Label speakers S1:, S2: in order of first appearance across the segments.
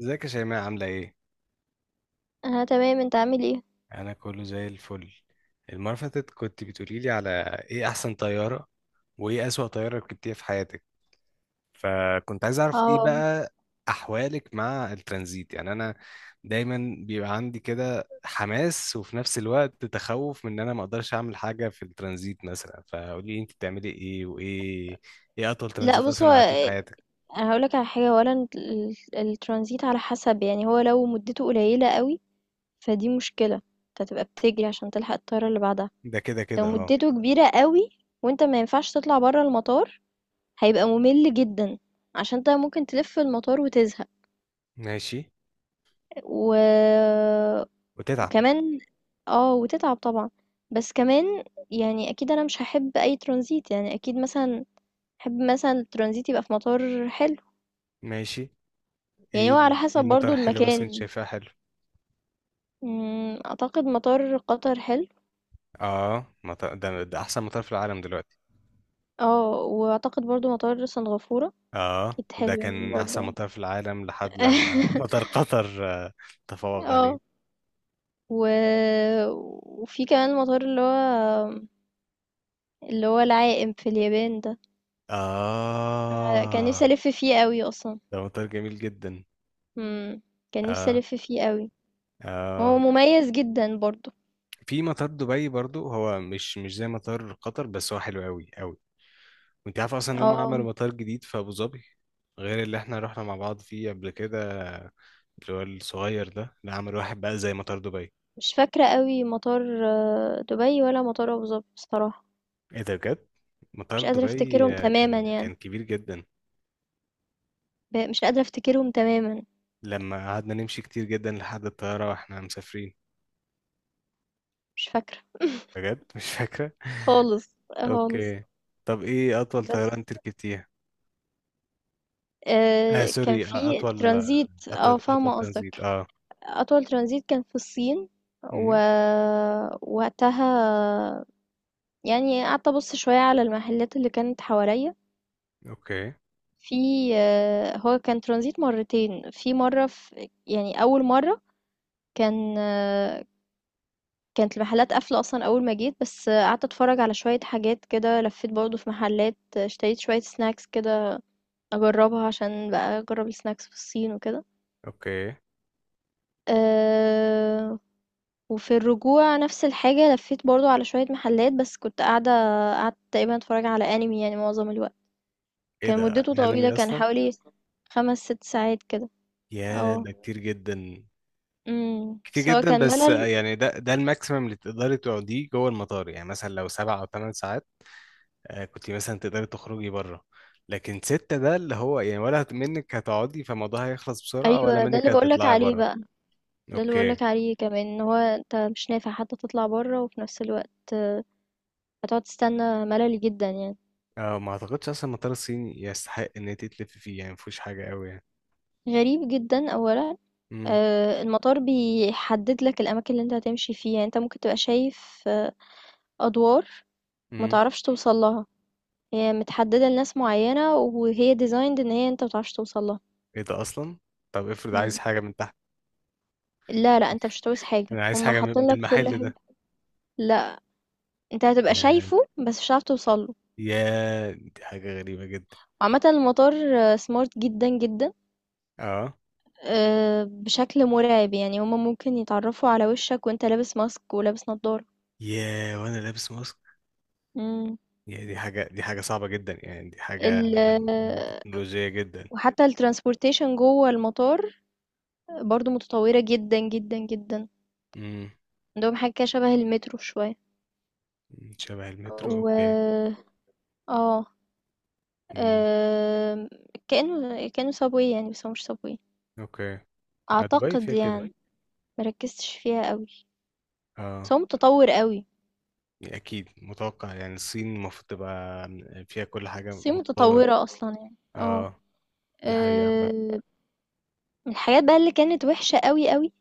S1: ازيك يا شيماء، عاملة ايه؟
S2: انا تمام، انت عامل ايه؟
S1: أنا كله زي الفل. المرة اللي فاتت كنت بتقولي لي على ايه أحسن طيارة وايه أسوأ طيارة ركبتيها في حياتك، فكنت عايز أعرف ايه
S2: اه.
S1: بقى أحوالك مع الترانزيت. يعني أنا دايما بيبقى عندي كده حماس وفي نفس الوقت تخوف من إن أنا ما أقدرش أعمل حاجة في الترانزيت مثلا، فقولي لي أنت بتعملي ايه وايه ايه أطول
S2: لا،
S1: ترانزيت
S2: بص، هو
S1: أصلا قعدتيه في حياتك؟
S2: انا هقولك على حاجه، اولا الترانزيت على حسب، يعني هو لو مدته قليله قوي فدي مشكله، انت هتبقى بتجري عشان تلحق الطياره اللي بعدها.
S1: ده كده
S2: لو
S1: كده، اه.
S2: مدته كبيره قوي وانت ما ينفعش تطلع بره المطار، هيبقى ممل جدا، عشان انت ممكن تلف في المطار وتزهق.
S1: ماشي.
S2: و...
S1: وتتعب.
S2: وكمان، اه، وتتعب طبعا. بس كمان يعني اكيد انا مش هحب اي ترانزيت، يعني اكيد مثلا احب مثلا الترانزيت يبقى في مطار حلو.
S1: ماشي.
S2: يعني هو
S1: ايه
S2: على
S1: ايه
S2: حسب
S1: مطار
S2: برضو
S1: حلو مثلا انت
S2: المكان.
S1: شايفاه حلو؟
S2: اعتقد مطار قطر حلو.
S1: اه، ده احسن مطار في العالم دلوقتي.
S2: اه، واعتقد برضو مطار سنغافورة
S1: اه،
S2: اكيد
S1: ده
S2: حلو يعني
S1: كان احسن
S2: برضو.
S1: مطار في العالم لحد لما. مطار قطر تفوق عليه.
S2: اه، و... وفي كمان مطار اللي هو العائم في اليابان ده. كان نفسي
S1: اه.
S2: الف فيه قوي اصلا.
S1: ده مطار جميل جدا.
S2: مم. كان نفسي
S1: اه.
S2: الف فيه قوي، هو
S1: اه.
S2: مميز جدا برضو.
S1: في مطار دبي برضو، هو مش زي مطار قطر، بس هو حلو قوي قوي. وانت عارف اصلا ان هم
S2: اه،
S1: عملوا مطار جديد في ابو ظبي، غير اللي احنا رحنا مع بعض فيه قبل كده، اللي هو الصغير ده. لا، عملوا واحد بقى زي مطار دبي.
S2: مش فاكرة قوي مطار دبي ولا مطار ابو ظبي بصراحة.
S1: ايه ده بجد؟ مطار
S2: مش قادرة
S1: دبي
S2: افتكرهم تماما
S1: كان
S2: يعني،
S1: كان كبير جدا،
S2: مش قادرة افتكرهم تماما،
S1: لما قعدنا نمشي كتير جدا لحد الطيارة واحنا مسافرين.
S2: مش فاكرة
S1: بجد مش فاكرة.
S2: خالص، خالص.
S1: اوكي. طب ايه اطول طيارة
S2: بس
S1: انت ركبتيها؟ اه، سوري،
S2: كان في
S1: اطول،
S2: ترانزيت،
S1: أطول
S2: فاهمة
S1: ترانزيت.
S2: قصدك.
S1: اه.
S2: أطول ترانزيت كان في الصين، و
S1: امم.
S2: وقتها يعني قعدت أبُص شوية على المحلات اللي كانت حواليّا.
S1: اوكي.
S2: في آه، هو كان ترانزيت مرّتين، في مرّة، يعني أول مرّة كان آه، كانت المحلات قافلة أصلًا أول ما جيت، بس قعدت أتفرّج على شوية حاجات كده، لفّيت برضه في محلات، اشتريت شوية snacks كده اجربها، عشان بقى اجرب السناكس في الصين وكده.
S1: اوكي.
S2: أه، وفي الرجوع نفس الحاجة، لفيت برضو على شوية محلات، بس كنت قاعدة، قعدت تقريبا اتفرج على انمي يعني معظم الوقت.
S1: ايه
S2: كان
S1: ده؟
S2: مدته طويلة،
S1: انمي
S2: كان
S1: اصلا؟
S2: حوالي خمس ست ساعات كده.
S1: يا،
S2: اه.
S1: ده كتير جدا. كتير
S2: بس هو
S1: جدا،
S2: كان
S1: بس
S2: ملل.
S1: يعني ده الماكسيمم اللي تقدري تقعديه جوه المطار، يعني مثلا لو 7 او 8 ساعات، كنت مثلا تقدري تخرجي بره. لكن ستة، ده اللي هو يعني، ولا منك هتقعدي فالموضوع هيخلص بسرعة، ولا
S2: ايوه، ده
S1: منك
S2: اللي بقولك
S1: هتطلعي
S2: عليه
S1: بره.
S2: بقى، ده اللي
S1: اوكي.
S2: بقولك عليه كمان ان هو انت مش نافع حتى تطلع بره، وفي نفس الوقت هتقعد تستنى، ملل جدا يعني.
S1: اه، ما اعتقدش اصلا المطار الصيني يستحق ان انت تلفي فيه، يعني مفيهوش حاجة قوي يعني.
S2: غريب جدا اولا،
S1: امم.
S2: المطار بيحدد لك الأماكن اللي أنت هتمشي فيها، يعني أنت ممكن تبقى شايف أدوار ما
S1: امم.
S2: تعرفش توصل لها، هي متحددة لناس معيّنة، وهي designed إن هي أنت ما تعرفش توصل لها.
S1: ايه ده اصلا؟ طب افرض عايز
S2: إمم.
S1: حاجة من تحت.
S2: لا، لأ، أنت مش هتعوز حاجة،
S1: انا عايز
S2: هُم
S1: حاجة من
S2: حاطين
S1: من
S2: لك كل
S1: المحل
S2: حاجة.
S1: ده.
S2: لأ، أنت هتبقى
S1: يا.
S2: شايفه بس مش هتعرف توصل له.
S1: يا، دي حاجة غريبة جدا.
S2: عامةً المطار smart جدًا، جدًا،
S1: اه.
S2: بشكل مرعب، يعني هُم ممكن يتعرّفوا على وشّك وأنت لابس ماسك ولابس نضارة.
S1: يا، وانا لابس ماسك.
S2: إمم.
S1: يا، دي حاجة صعبة جدا، يعني دي حاجة
S2: ال آه،
S1: تكنولوجية جدا.
S2: وحتى الtransportation جوّه المطار برضو متطورة جدا جدا جدا.
S1: امم.
S2: عندهم حاجة كده شبه المترو شوية.
S1: شبه المترو، اوكي.
S2: و اه
S1: امم.
S2: آم، كأنه صابوي يعني، بس هو مش صابوي
S1: اوكي، دبي
S2: أعتقد
S1: فيها كده.
S2: يعني. مركزتش فيها قوي، بس
S1: اه.
S2: هو متطور قوي.
S1: اكيد متوقع يعني الصين المفروض تبقى فيها كل حاجه
S2: الصين
S1: متطوره.
S2: متطورة أصلا يعني. اه،
S1: اه. دي حقيقه عامة.
S2: آم، من الحاجات بقى اللي كانت وحشة قوي قوي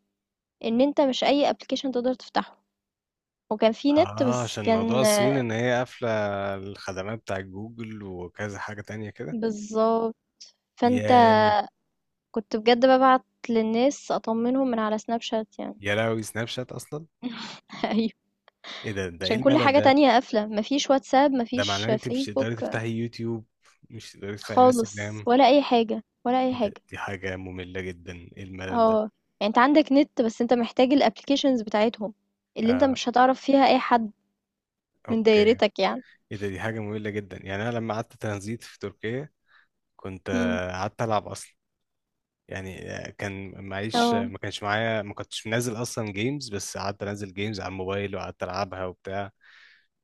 S2: إن أنت مش أي ابلكيشن تقدر تفتحه، وكان في نت
S1: اه،
S2: بس
S1: عشان موضوع
S2: كان
S1: الصين ان هي قافله الخدمات بتاع جوجل وكذا حاجه تانية كده.
S2: بالظبط. فأنت
S1: يا.
S2: كنت بجد ببعت للناس أطمنهم من على سناب شات يعني.
S1: يا لهوي، سناب شات اصلا؟
S2: أيوه.
S1: ايه ده ايه
S2: عشان كل
S1: الملل
S2: حاجة
S1: ده؟
S2: تانية قافلة، ما فيش واتساب، ما
S1: ده معناه
S2: فيش
S1: ان انت مش تقدري
S2: فيسبوك
S1: تفتحي يوتيوب، مش تقدري تفتحي
S2: خالص،
S1: انستجرام؟
S2: ولا أي حاجة، ولا أي
S1: إيه ده؟
S2: حاجة.
S1: دي حاجه ممله جدا، ايه الملل ده.
S2: آه. يعني أنت عندك نت، بس أنت محتاج الapplications بتاعتهم، اللي أنت
S1: آه.
S2: مش هتعرف فيها أي حد من
S1: اوكي.
S2: دايرتك يعني.
S1: ايه ده؟ دي حاجة مملة جدا. يعني انا لما قعدت ترانزيت في تركيا كنت
S2: إمم.
S1: قعدت العب اصلا. يعني كان معيش،
S2: آه.
S1: ما كانش معايا، ما كنتش منزل اصلا جيمز، بس قعدت انزل جيمز على الموبايل وقعدت العبها وبتاع.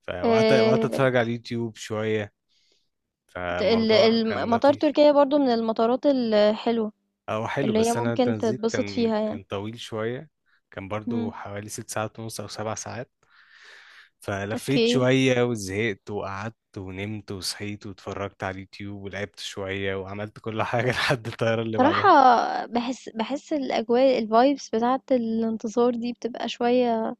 S1: فوقعدت
S2: آآ
S1: اتفرج على اليوتيوب شوية،
S2: ت ال
S1: فالموضوع
S2: الم
S1: كان
S2: مطار
S1: لطيف.
S2: تركيا برضه من المطارات الحلوة،
S1: او حلو،
S2: اللي هي
S1: بس انا
S2: ممكن
S1: الترانزيت
S2: تتبسط
S1: كان
S2: فيها يعني.
S1: كان طويل شوية. كان برضو
S2: إمم.
S1: حوالي 6 ساعات ونص او 7 ساعات. فلفيت
S2: أوكي.
S1: شوية وزهقت وقعدت ونمت وصحيت واتفرجت على اليوتيوب ولعبت شوية وعملت كل حاجة لحد الطيارة اللي
S2: بصراحة
S1: بعدها.
S2: باحس الأجواء الvibes بتاعة الانتصار دي بتبقى شوية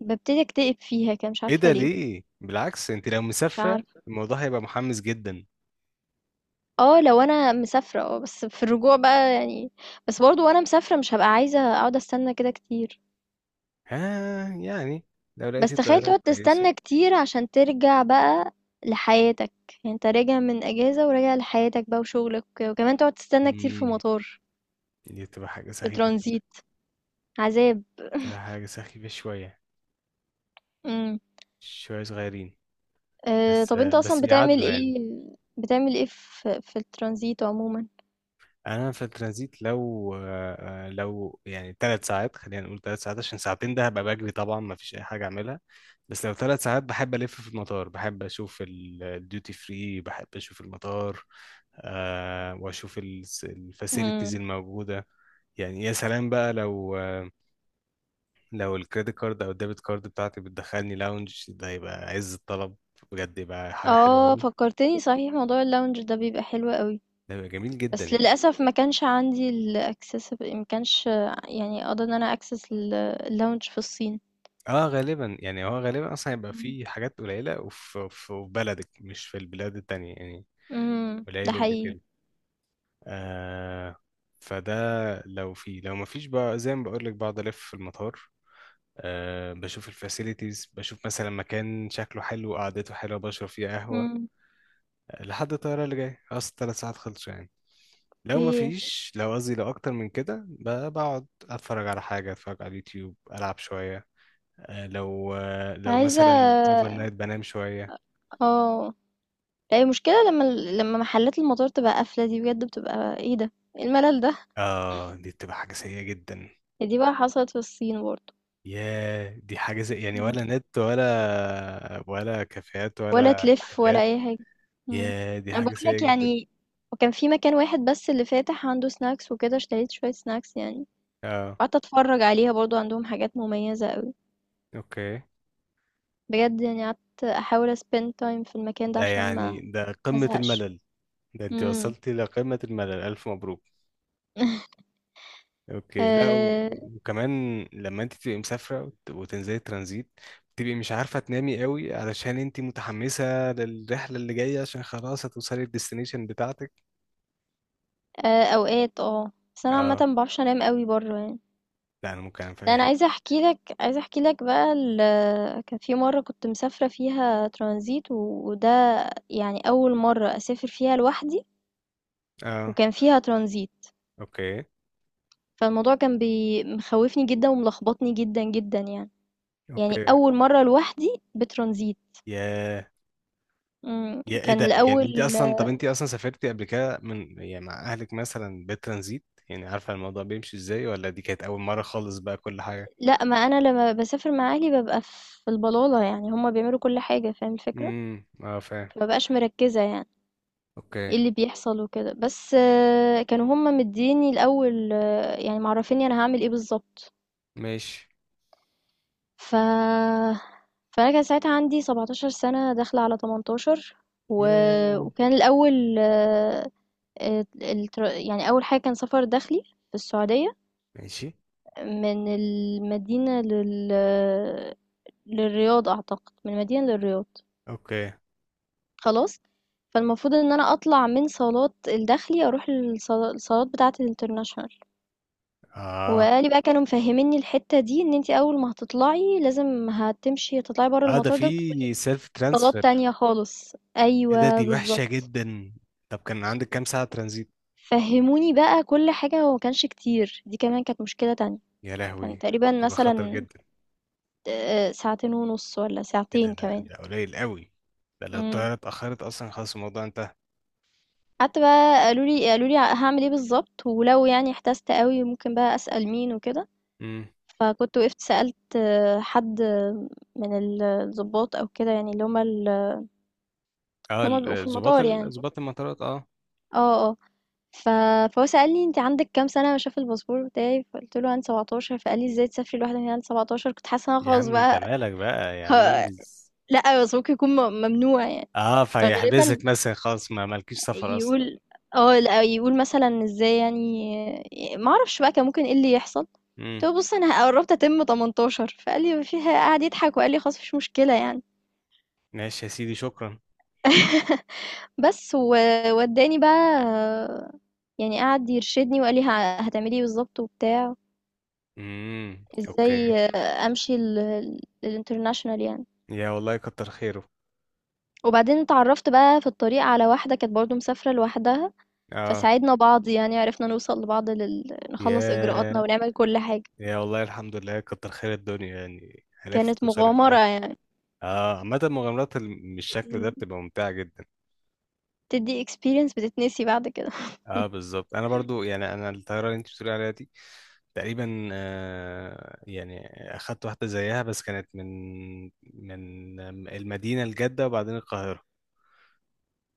S2: ببتدي اكتئب فيها كده، مش
S1: ايه
S2: عارفة
S1: ده؟
S2: ليه.
S1: ليه؟ بالعكس انت لو
S2: مش
S1: مسافرة
S2: عارفة.
S1: الموضوع هيبقى محمس جدا.
S2: اه، لو انا مسافرة اه، بس في الرجوع بقى يعني، بس برضو وانا مسافرة مش هبقى عايزة اقعد استنى كده كتير.
S1: ها، يعني لو
S2: بس
S1: لقيتي
S2: تخيل
S1: الطيارة
S2: تقعد
S1: كويسة.
S2: تستنى كتير عشان ترجع بقى لحياتك، يعني انت راجع من اجازة وراجع لحياتك بقى وشغلك وكده. وكمان تقعد تستنى كتير في
S1: مم.
S2: مطار،
S1: دي تبقى حاجة
S2: في
S1: سخيفة فعلا.
S2: ترانزيت، عذاب.
S1: تبقى حاجة سخيفة شوية،
S2: امم.
S1: شوية صغيرين
S2: أه،
S1: بس،
S2: طب انت اصلا
S1: بس
S2: بتعمل
S1: بيعدوا يعني.
S2: ايه، بتعمل ايه في الترانزيت عموما؟
S1: انا في الترانزيت لو، لو يعني 3 ساعات، خلينا نقول 3 ساعات عشان ساعتين، ده هبقى بجري طبعا، ما فيش اي حاجه اعملها. بس لو 3 ساعات بحب الف في المطار، بحب اشوف الديوتي فري، بحب اشوف المطار، واشوف الفاسيلتيز
S2: امم
S1: الموجوده يعني. يا سلام بقى لو الكريدت كارد او الديبت كارد بتاعتي بتدخلني لاونج، ده يبقى عز الطلب. بجد يبقى حاجه حلوه
S2: اه،
S1: قوي.
S2: فكرتني صحيح، موضوع اللونج ده بيبقى حلو قوي.
S1: ده يبقى جميل جدا
S2: بس
S1: يعني.
S2: للأسف ما كانش عندي ال accessible، ما كانش يعني أقدر إن أنا access الlounge في الصين.
S1: اه، غالبا يعني هو غالبا اصلا هيبقى
S2: إمم.
S1: في حاجات قليله، وفي بلدك، مش في البلاد التانية يعني.
S2: إمم، ده
S1: قليل اللي
S2: حقيقي. أوكي.
S1: كده. آه فده، لو في، لو ما فيش بقى زي ما بقول لك، بقعد الف في المطار. بشوف الفاسيلتيز، بشوف مثلا مكان شكله حلو وقعدته حلوه، بشرب فيه قهوه،
S2: إمم،
S1: لحد الطياره اللي جايه، اصل 3 ساعات خلصوا يعني. لو ما
S2: أوكي.
S1: فيش، لو قصدي لو اكتر من كده، بقعد اتفرج على حاجه، اتفرج على اليوتيوب، العب شويه. لو
S2: عايزة
S1: مثلا اوفر
S2: آه،
S1: نايت بنام شويه.
S2: لا، هي المشكلة لمّا لمّا محلات المطار تبقى قافلة، دي بجد بتبقى إيه ده، إيه الملل ده!
S1: اه، دي بتبقى حاجة سيئة جدا.
S2: هي دي بقى حصلت في الصين برضه.
S1: ياه، دي حاجة، زي يعني،
S2: إمم.
S1: ولا نت، ولا كافيهات
S2: ولا
S1: ولا
S2: تلِف ولا
S1: محلات.
S2: أي حاجة. إمم،
S1: ياه، دي
S2: أنا
S1: حاجة
S2: باقول
S1: سيئة
S2: لك
S1: جدا.
S2: يعني. وكان في مكان واحد بس اللي فاتح عنده snacks وكده، اشتريت شوية snacks يعني،
S1: اه.
S2: وقعدت أتفرّج عليها، برضه عندهم حاجات مميزة أوي.
S1: اوكي.
S2: بجد يعني قعدت أحاول spend time في المكان ده
S1: ده
S2: عشان
S1: يعني ده
S2: ما
S1: قمة
S2: ازهقش.
S1: الملل. ده انت
S2: امم.
S1: وصلتي لقمة الملل، ألف مبروك. اوكي. لا،
S2: آه،
S1: وكمان لما انت تبقي مسافرة، وتنزلي ترانزيت، بتبقي مش عارفة تنامي قوي، علشان انت متحمسة للرحلة اللي جاية، عشان خلاص هتوصلي الديستنيشن بتاعتك.
S2: آه، اوقات اه، بس انا عامه
S1: اه.
S2: ما بعرفش انام قوي بره يعني.
S1: لا، انا ممكن انام في
S2: ده
S1: اي
S2: انا
S1: حتة.
S2: عايزه احكي لك بقى، كان في مره كنت مسافره فيها ترانزيت، وده يعني اول مره اسافر فيها لوحدي،
S1: اه.
S2: وكان فيها ترانزيت.
S1: اوكي.
S2: فالموضوع كان مخوفني جدا وملخبطني جدا جدا يعني، يعني
S1: اوكي.
S2: اول مره لوحدي بترانزيت.
S1: يا يا ايه
S2: كان،
S1: ده؟
S2: لا،
S1: يعني
S2: الاول.
S1: انت اصلا، طب انت اصلا سافرتي قبل كده من، يعني مع اهلك مثلا بالترانزيت، يعني عارفه الموضوع بيمشي ازاي، ولا دي كانت اول مره خالص بقى كل حاجه؟
S2: لأ، ما أنا لمّا باسافر مع أهلي بابقى في البلالة، يعني هُم بيعملوا كل حاجة، فاهم الفكرة؟
S1: امم، اه فاهم.
S2: فما بابقاش مركّزة يعني
S1: اوكي.
S2: إيه اللي بيحصل وكده، بس كانوا هُم مدّييني الأول، يعني معرّفينّي أنا هاعمل إيه بالضبط.
S1: ماشي
S2: ف فأنا كان ساعتها عندي 17 سَنة داخلة على 18، و
S1: يا.
S2: وكان الأول، يعني أول حاجة كان سَفَر داخلي في السعودية،
S1: ماشي،
S2: من المدينة للرياض أعتقد، من المدينة للرياض.
S1: اوكي.
S2: خلاص، فالمفروض إن أنا أطلع من صالات الداخلي أروح الصالات بتاعة الinternational.
S1: اه.
S2: وقال لي بقى، كانوا مفهّمينّي الحتّة دي إن أنتِ أول ما هتطلعي لازم هتمشي تطلعي برّه
S1: اه، ده
S2: المطار ده وتدخلي
S1: في سيلف
S2: صالات
S1: ترانسفير.
S2: تانية خالص،
S1: ايه ده،
S2: أيوه
S1: دي وحشه
S2: بالضبط.
S1: جدا. طب كان عندك كام ساعه ترانزيت؟
S2: فهّموني بقى كل حاجة، وما كانش كتير، دي كمان كانت مشكلة تانية.
S1: يا
S2: كان
S1: لهوي، دي
S2: تقريبًا
S1: بتبقى خطر
S2: مثلًا
S1: جدا.
S2: ساعتين ونُص والّا
S1: كده،
S2: ساعتين
S1: ده
S2: كمان.
S1: ده قليل قوي. ده لو
S2: إمم.
S1: الطياره اتاخرت اصلا، خلاص الموضوع
S2: قعدت بقى، قالوا لي هاعمل إيه بالضبط، ولو يعني احتجت أوي ممكن بقى أسأل مين وكده.
S1: انتهى.
S2: فكنت وقفت سألت حد من الضباط أو كده، يعني اللي
S1: اه،
S2: هم بيبقوا في
S1: ال- ظباط
S2: المطار
S1: ال-
S2: يعني.
S1: ظباط المطارات، اه.
S2: آه، آه، ف فهو سألني: أنتِ عندِك كام سنة؟ شاف الباسبور بتاعي، فقُلت له عندي 17، فقال لي: "إزاي تسافري لوحدِك هنا عندِك 17؟" كنت حاسة إن أنا
S1: يا
S2: خلاص
S1: عم انت
S2: بقى.
S1: مالك بقى، يا
S2: ه
S1: عم انجز.
S2: لأ، بس ممكن يكون ممنوع يعني،
S1: اه،
S2: فغالبًا
S1: فيحبسك مثلا، خلاص ما مالكيش سفر اصلا.
S2: يقول لأ، يقول مثلًا إزاي، يعني ما أعرفش بقى كان ممكن إيه اللي يحصل. قُلت
S1: امم.
S2: له: "بُصّ أنا قرّبت أتم 18" فقال لي: "ما فيها" قعد يضحك وقال لي: "خلاص، ما فيش مشكلة يعني."
S1: ماشي يا سيدي، شكرا.
S2: بس وادّاني بقى، يعني قعد يرشدني وقال لي هتعملي إيه بالضبط وبتاع،
S1: امم. اوكي.
S2: إزاي أمشي للinternational يعني.
S1: يا والله كتر خيره.
S2: وبعدين اتعرّفت بقى في الطريق على واحدة كانت برضه مسافرة لوحدها،
S1: اه.
S2: فساعدنا بعض، يعني عرفنا نوصل لبعض نخلّص إجراءاتنا
S1: يا
S2: ونعمل كل حاجة.
S1: يا والله الحمد لله، كتر خير الدنيا يعني، عرفت
S2: كانت
S1: توصلي في
S2: مغامرة
S1: الاخر.
S2: يعني.
S1: اه، عامة مغامرات بالشكل ده
S2: إمم.
S1: بتبقى ممتعة جدا.
S2: بتدّي experience بتتنسي بعد كده.
S1: اه، بالظبط. انا برضو يعني، انا الطياره اللي انت بتقولي عليها دي تقريبا، يعني اخدت واحده زيها، بس كانت من المدينه لجده وبعدين القاهره.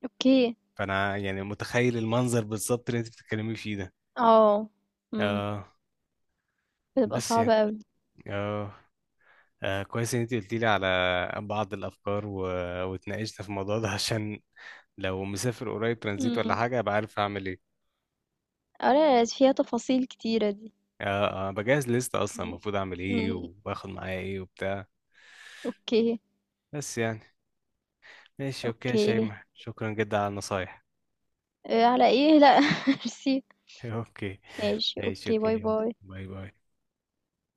S2: أوكي،
S1: فانا يعني متخيل المنظر بالظبط اللي انت بتتكلمي فيه ده.
S2: آه، إمم،
S1: اه،
S2: بتبقى
S1: بس
S2: صعبة
S1: يعني،
S2: أوي.
S1: اه، كويس ان انت قلتي لي على بعض الافكار و... واتناقشنا في الموضوع ده، عشان لو مسافر قريب ترانزيت ولا
S2: إمم،
S1: حاجه ابقى عارف اعمل ايه.
S2: آه، لا، لا، فيها تفاصيل كتيرة دي.
S1: اه، بجهز لستة اصلا،
S2: إمم.
S1: المفروض اعمل ايه
S2: إمم.
S1: وباخد معايا ايه وبتاع.
S2: أوكي،
S1: بس يعني ماشي، اوكي يا
S2: أوكي.
S1: شيماء، شكرا جدا على النصايح.
S2: على إيه، لأ، ميرسي.
S1: اوكي.
S2: ماشي،
S1: ماشي
S2: أوكي،
S1: اوكي،
S2: باي،
S1: يلا
S2: باي.
S1: باي باي.